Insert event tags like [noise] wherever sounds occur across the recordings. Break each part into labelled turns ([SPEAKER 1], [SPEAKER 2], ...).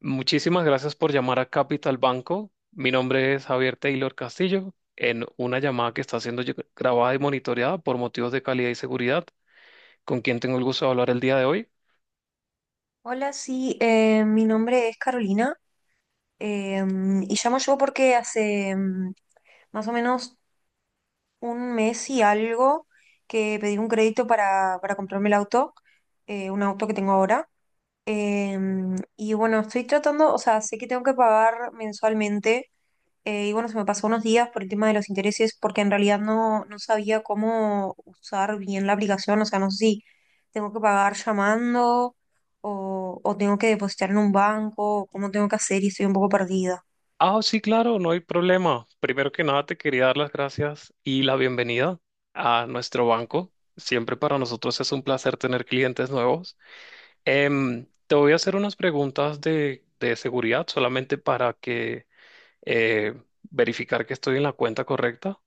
[SPEAKER 1] Muchísimas gracias por llamar a Capital Banco. Mi nombre es Javier Taylor Castillo, en una llamada que está siendo grabada y monitoreada por motivos de calidad y seguridad, ¿con quién tengo el gusto de hablar el día de hoy?
[SPEAKER 2] Hola, sí, mi nombre es Carolina, eh, y llamo yo porque hace más o menos un mes y algo que pedí un crédito para comprarme el auto, un auto que tengo ahora. Eh, y bueno, estoy tratando, o sea, sé que tengo que pagar mensualmente, y bueno, se me pasó unos días por el tema de los intereses, porque en realidad no sabía cómo usar bien la aplicación. O sea, no sé si tengo que pagar llamando o tengo que depositar en un banco, o cómo tengo que hacer y estoy un poco perdida.
[SPEAKER 1] Ah, sí, claro, no hay problema. Primero que nada, te quería dar las gracias y la bienvenida a nuestro banco. Siempre para nosotros es un placer tener clientes nuevos. Te voy a hacer unas preguntas de seguridad solamente para que eh, verificar que estoy en la cuenta correcta.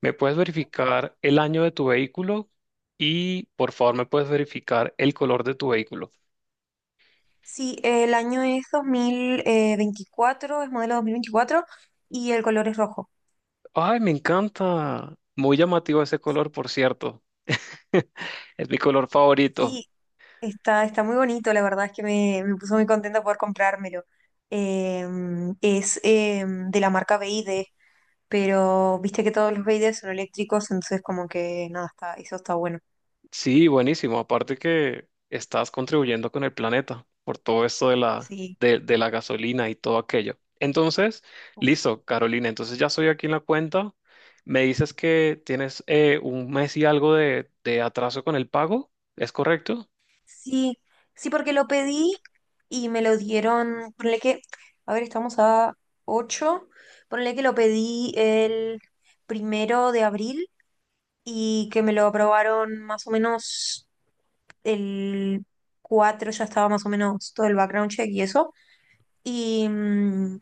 [SPEAKER 1] ¿Me puedes verificar el año de tu vehículo? Y por favor, ¿me puedes verificar el color de tu vehículo?
[SPEAKER 2] Sí, el año es 2024, es modelo 2024 y el color es rojo.
[SPEAKER 1] ¡Ay, me encanta! Muy llamativo ese color, por cierto. [laughs] Es mi color favorito.
[SPEAKER 2] Sí, está muy bonito, la verdad es que me puso muy contenta poder comprármelo. Es de la marca BID. Pero viste que todos los Raiders son eléctricos, entonces como que nada, está, eso está bueno.
[SPEAKER 1] Sí, buenísimo. Aparte que estás contribuyendo con el planeta por todo esto de
[SPEAKER 2] Sí,
[SPEAKER 1] de la gasolina y todo aquello. Entonces,
[SPEAKER 2] uf, sí.
[SPEAKER 1] listo, Carolina. Entonces ya soy aquí en la cuenta. Me dices que tienes un mes y algo de atraso con el pago. ¿Es correcto?
[SPEAKER 2] Sí, sí, porque lo pedí y me lo dieron, ponle que, a ver, estamos a 8, ponle que lo pedí el primero de abril y que me lo aprobaron más o menos el 4, ya estaba más o menos todo el background check y eso. Y, mm,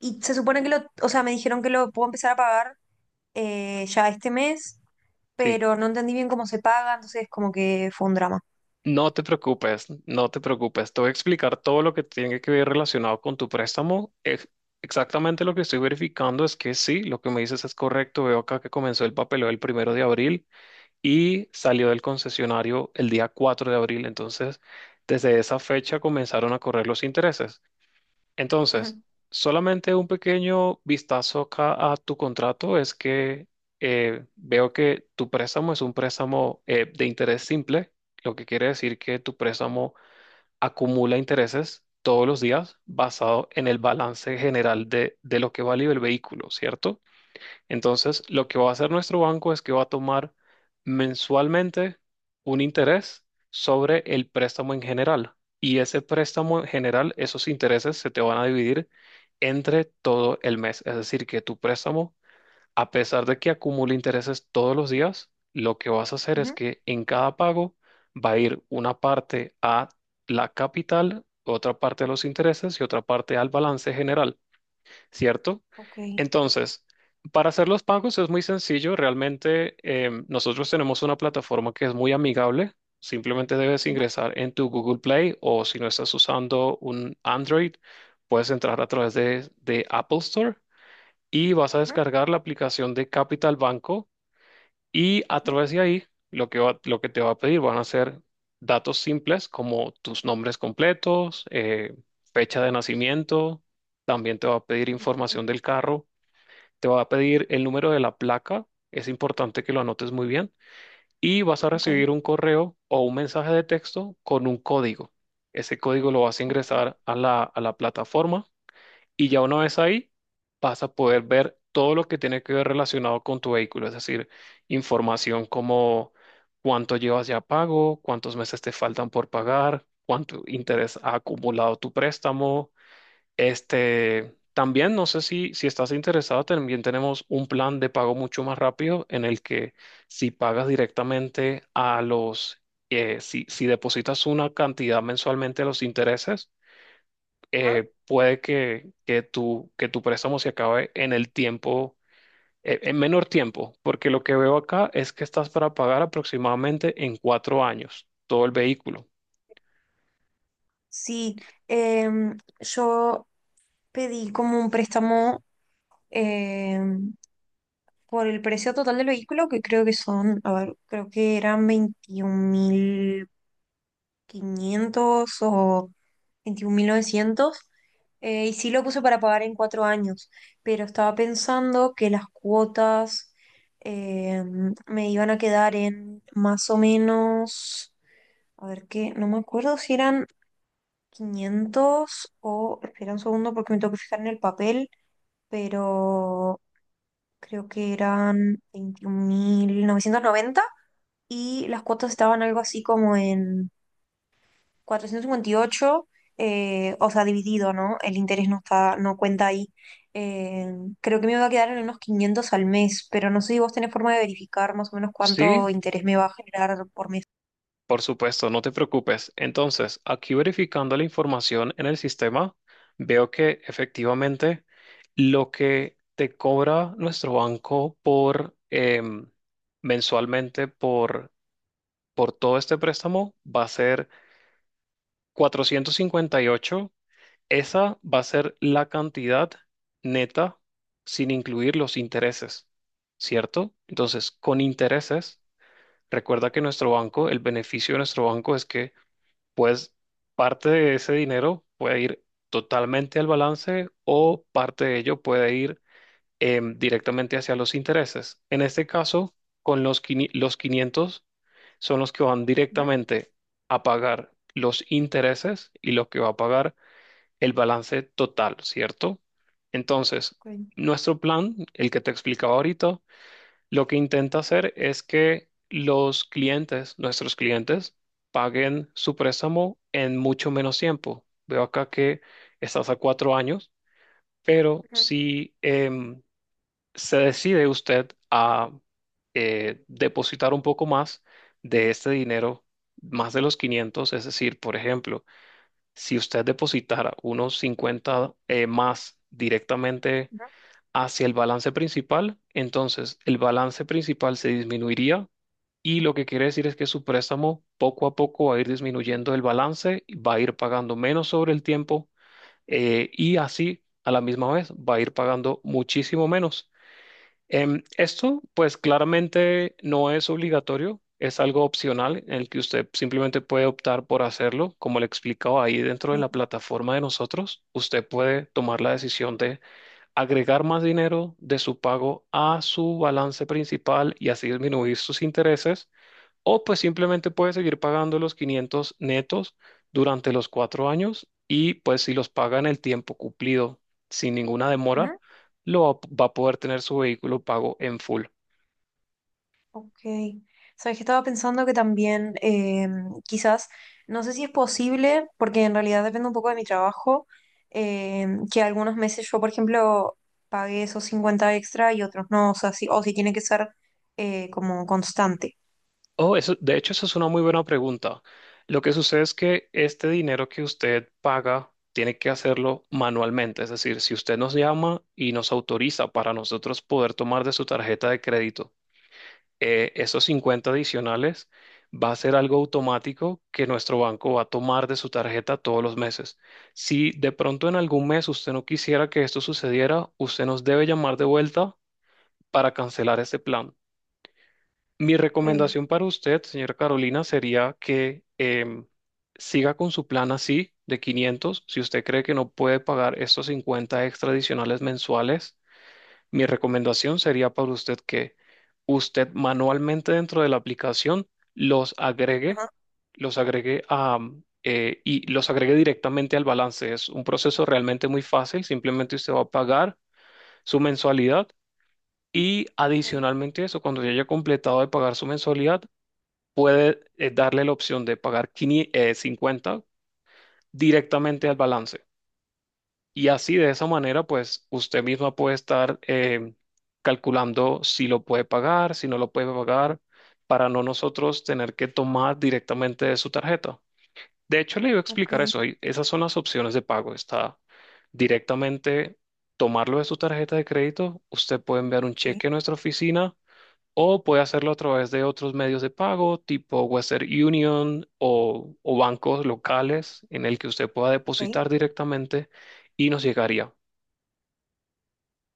[SPEAKER 2] y se supone que lo, o sea, me dijeron que lo puedo empezar a pagar, ya este mes,
[SPEAKER 1] Sí.
[SPEAKER 2] pero no entendí bien cómo se paga, entonces como que fue un drama.
[SPEAKER 1] No te preocupes, no te preocupes. Te voy a explicar todo lo que tiene que ver relacionado con tu préstamo. Exactamente lo que estoy verificando es que sí, lo que me dices es correcto. Veo acá que comenzó el papeleo el primero de abril y salió del concesionario el día 4 de abril. Entonces, desde esa fecha comenzaron a correr los intereses. Entonces,
[SPEAKER 2] Ujú.
[SPEAKER 1] solamente un pequeño vistazo acá a tu contrato es que veo que tu préstamo es un préstamo de interés simple, lo que quiere decir que tu préstamo acumula intereses todos los días basado en el balance general de lo que vale el vehículo, ¿cierto? Entonces, lo que va a hacer nuestro banco es que va a tomar mensualmente un interés sobre el préstamo en general. Y ese préstamo en general, esos intereses se te van a dividir entre todo el mes. Es decir, que tu préstamo, a pesar de que acumule intereses todos los días, lo que vas a hacer es
[SPEAKER 2] Ujú.
[SPEAKER 1] que en cada pago va a ir una parte a la capital, otra parte a los intereses y otra parte al balance general. ¿Cierto?
[SPEAKER 2] Ok.
[SPEAKER 1] Entonces, para hacer los pagos es muy sencillo. Realmente nosotros tenemos una plataforma que es muy amigable. Simplemente debes
[SPEAKER 2] Ujú.
[SPEAKER 1] ingresar en tu Google Play o, si no estás usando un Android, puedes entrar a través de Apple Store y vas a
[SPEAKER 2] Ujú.
[SPEAKER 1] descargar la aplicación de Capital Banco. Y a
[SPEAKER 2] Ujú.
[SPEAKER 1] través de ahí, lo que te va a pedir van a ser datos simples como tus nombres completos, fecha de nacimiento, también te va a pedir
[SPEAKER 2] Ok.
[SPEAKER 1] información del carro, te va a pedir el número de la placa, es importante que lo anotes muy bien, y vas a
[SPEAKER 2] Ok.
[SPEAKER 1] recibir un correo o un mensaje de texto con un código. Ese código lo vas a
[SPEAKER 2] Ok.
[SPEAKER 1] ingresar a la plataforma y, ya una vez ahí, vas a poder ver todo lo que tiene que ver relacionado con tu vehículo, es decir, información como cuánto llevas ya pago, cuántos meses te faltan por pagar, cuánto interés ha acumulado tu préstamo. Este, también no sé si estás interesado, también tenemos un plan de pago mucho más rápido en el que, si pagas directamente a los, si depositas una cantidad mensualmente a los intereses,
[SPEAKER 2] Ajá.
[SPEAKER 1] puede que tu préstamo se acabe en el tiempo, en menor tiempo, porque lo que veo acá es que estás para pagar aproximadamente en 4 años todo el vehículo.
[SPEAKER 2] Sí, yo pedí como un préstamo, em, por el precio total del vehículo, que creo que son, a ver, creo que eran 21.500 o 21.900. Y sí lo puse para pagar en 4 años, pero estaba pensando que las cuotas, eh, me iban a quedar en más o menos, a ver qué, no me acuerdo si eran 500 o, espera un segundo porque me tengo que fijar en el papel, pero creo que eran 21.990 y las cuotas estaban algo así como en 458, o sea, dividido, ¿no? El interés no está, no cuenta ahí. Eh, Creo que me va a quedar en unos 500 al mes, pero no sé si vos tenés forma de verificar más o menos
[SPEAKER 1] Sí,
[SPEAKER 2] cuánto interés me va a generar por mes.
[SPEAKER 1] por supuesto, no te preocupes. Entonces, aquí verificando la información en el sistema, veo que efectivamente lo que te cobra nuestro banco por mensualmente por todo este préstamo va a ser 458. Esa va a ser la cantidad neta sin incluir los intereses, ¿cierto? Entonces, con intereses, recuerda que nuestro banco, el beneficio de nuestro banco es que, pues, parte de ese dinero puede ir totalmente al balance o parte de ello puede ir directamente hacia los intereses. En este caso, con los 500 son los que van
[SPEAKER 2] Ujú.
[SPEAKER 1] directamente a pagar los intereses y lo que va a pagar el balance total, ¿cierto? Entonces,
[SPEAKER 2] Ok.
[SPEAKER 1] nuestro plan, el que te explicaba ahorita, lo que intenta hacer es que los clientes, nuestros clientes, paguen su préstamo en mucho menos tiempo. Veo acá que estás a 4 años, pero
[SPEAKER 2] Ujú.
[SPEAKER 1] si se decide usted a depositar un poco más de este dinero, más de los 500, es decir, por ejemplo, si usted depositara unos 50 más directamente
[SPEAKER 2] Ujú.
[SPEAKER 1] hacia el balance principal, entonces el balance principal se disminuiría y lo que quiere decir es que su préstamo poco a poco va a ir disminuyendo el balance, va a ir pagando menos sobre el tiempo, y así a la misma vez va a ir pagando muchísimo menos. Esto, pues, claramente no es obligatorio, es algo opcional en el que usted simplemente puede optar por hacerlo. Como le he explicado, ahí dentro de
[SPEAKER 2] Ok.
[SPEAKER 1] la plataforma de nosotros, usted puede tomar la decisión de agregar más dinero de su pago a su balance principal y así disminuir sus intereses, o pues simplemente puedes seguir pagando los 500 netos durante los 4 años, y pues si los paga en el tiempo cumplido sin ninguna demora,
[SPEAKER 2] Ujú.
[SPEAKER 1] lo va a poder tener su vehículo pago en full.
[SPEAKER 2] Ok. Sabes que estaba pensando que también, quizás, no sé si es posible, porque en realidad depende un poco de mi trabajo, eh, que algunos meses yo, por ejemplo, pague esos 50 extra y otros no, o sea, si, o si tiene que ser como constante.
[SPEAKER 1] Oh, eso, de hecho, eso es una muy buena pregunta. Lo que sucede es que este dinero que usted paga tiene que hacerlo manualmente. Es decir, si usted nos llama y nos autoriza para nosotros poder tomar de su tarjeta de crédito esos 50 adicionales, va a ser algo automático que nuestro banco va a tomar de su tarjeta todos los meses. Si de pronto en algún mes usted no quisiera que esto sucediera, usted nos debe llamar de vuelta para cancelar este plan. Mi
[SPEAKER 2] Ok.
[SPEAKER 1] recomendación para usted, señora Carolina, sería que siga con su plan así de 500. Si usted cree que no puede pagar estos 50 extra adicionales mensuales, mi recomendación sería para usted que usted manualmente dentro de la aplicación los agregue,
[SPEAKER 2] Ajá.
[SPEAKER 1] los agregue y los agregue directamente al balance. Es un proceso realmente muy fácil. Simplemente usted va a pagar su mensualidad y,
[SPEAKER 2] Ok.
[SPEAKER 1] adicionalmente a eso, cuando ya haya completado de pagar su mensualidad, puede darle la opción de pagar 500, 50 directamente al balance. Y así de esa manera, pues usted misma puede estar calculando si lo puede pagar, si no lo puede pagar, para no nosotros tener que tomar directamente de su tarjeta. De hecho, le iba a
[SPEAKER 2] Ok.
[SPEAKER 1] explicar eso. Y esas son las opciones de pago. Está directamente tomarlo de su tarjeta de crédito. Usted puede enviar un
[SPEAKER 2] Sí.
[SPEAKER 1] cheque a nuestra oficina o puede hacerlo a través de otros medios de pago, tipo Western Union o bancos locales en el que usted pueda
[SPEAKER 2] Ok.
[SPEAKER 1] depositar directamente y nos llegaría.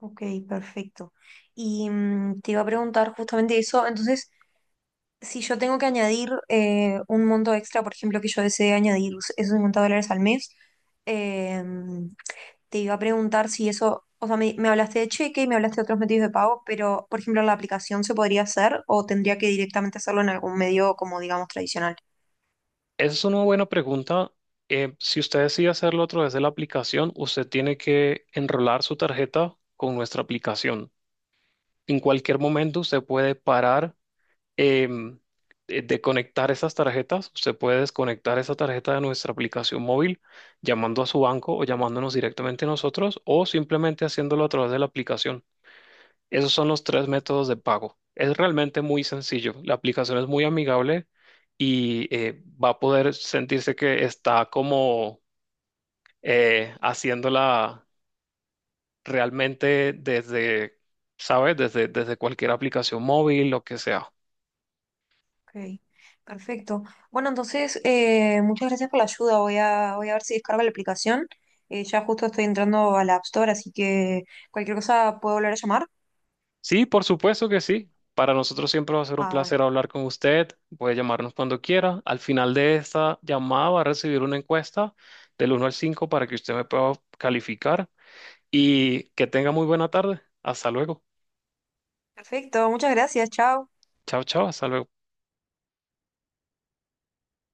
[SPEAKER 2] Ok. Perfecto. Y te iba a preguntar justamente eso, entonces, si yo tengo que añadir, un monto extra, por ejemplo, que yo desee añadir esos $50 al mes, eh, te iba a preguntar si eso, o sea, me hablaste de cheque y me hablaste de otros medios de pago, pero, por ejemplo, ¿la aplicación se podría hacer o tendría que directamente hacerlo en algún medio, como digamos, tradicional?
[SPEAKER 1] Esa es una buena pregunta. Si usted decide hacerlo a través de la aplicación, usted tiene que enrolar su tarjeta con nuestra aplicación. En cualquier momento usted puede parar em, de conectar esas tarjetas. Usted puede desconectar esa tarjeta de nuestra aplicación móvil llamando a su banco o llamándonos directamente a nosotros o simplemente haciéndolo a través de la aplicación. Esos son los tres
[SPEAKER 2] Ok,
[SPEAKER 1] métodos de pago. Es realmente muy sencillo. La aplicación es muy amigable y, va a poder sentirse que está como haciéndola realmente desde, ¿sabes? Desde, desde cualquier aplicación móvil, lo que sea.
[SPEAKER 2] perfecto. Bueno, entonces, muchas gracias por la ayuda. Voy a ver si descargo la aplicación. Ya justo estoy entrando a la App Store, así que cualquier cosa puedo volver a llamar.
[SPEAKER 1] Sí, por supuesto que sí. Para nosotros siempre va a ser un
[SPEAKER 2] Ah, bueno.
[SPEAKER 1] placer hablar con usted. Puede llamarnos cuando quiera. Al final de esta llamada va a recibir una encuesta del uno al 5 para que usted me pueda calificar, y que tenga muy buena tarde. Hasta luego.
[SPEAKER 2] Perfecto, muchas gracias, chao.
[SPEAKER 1] Chao, chao. Hasta luego.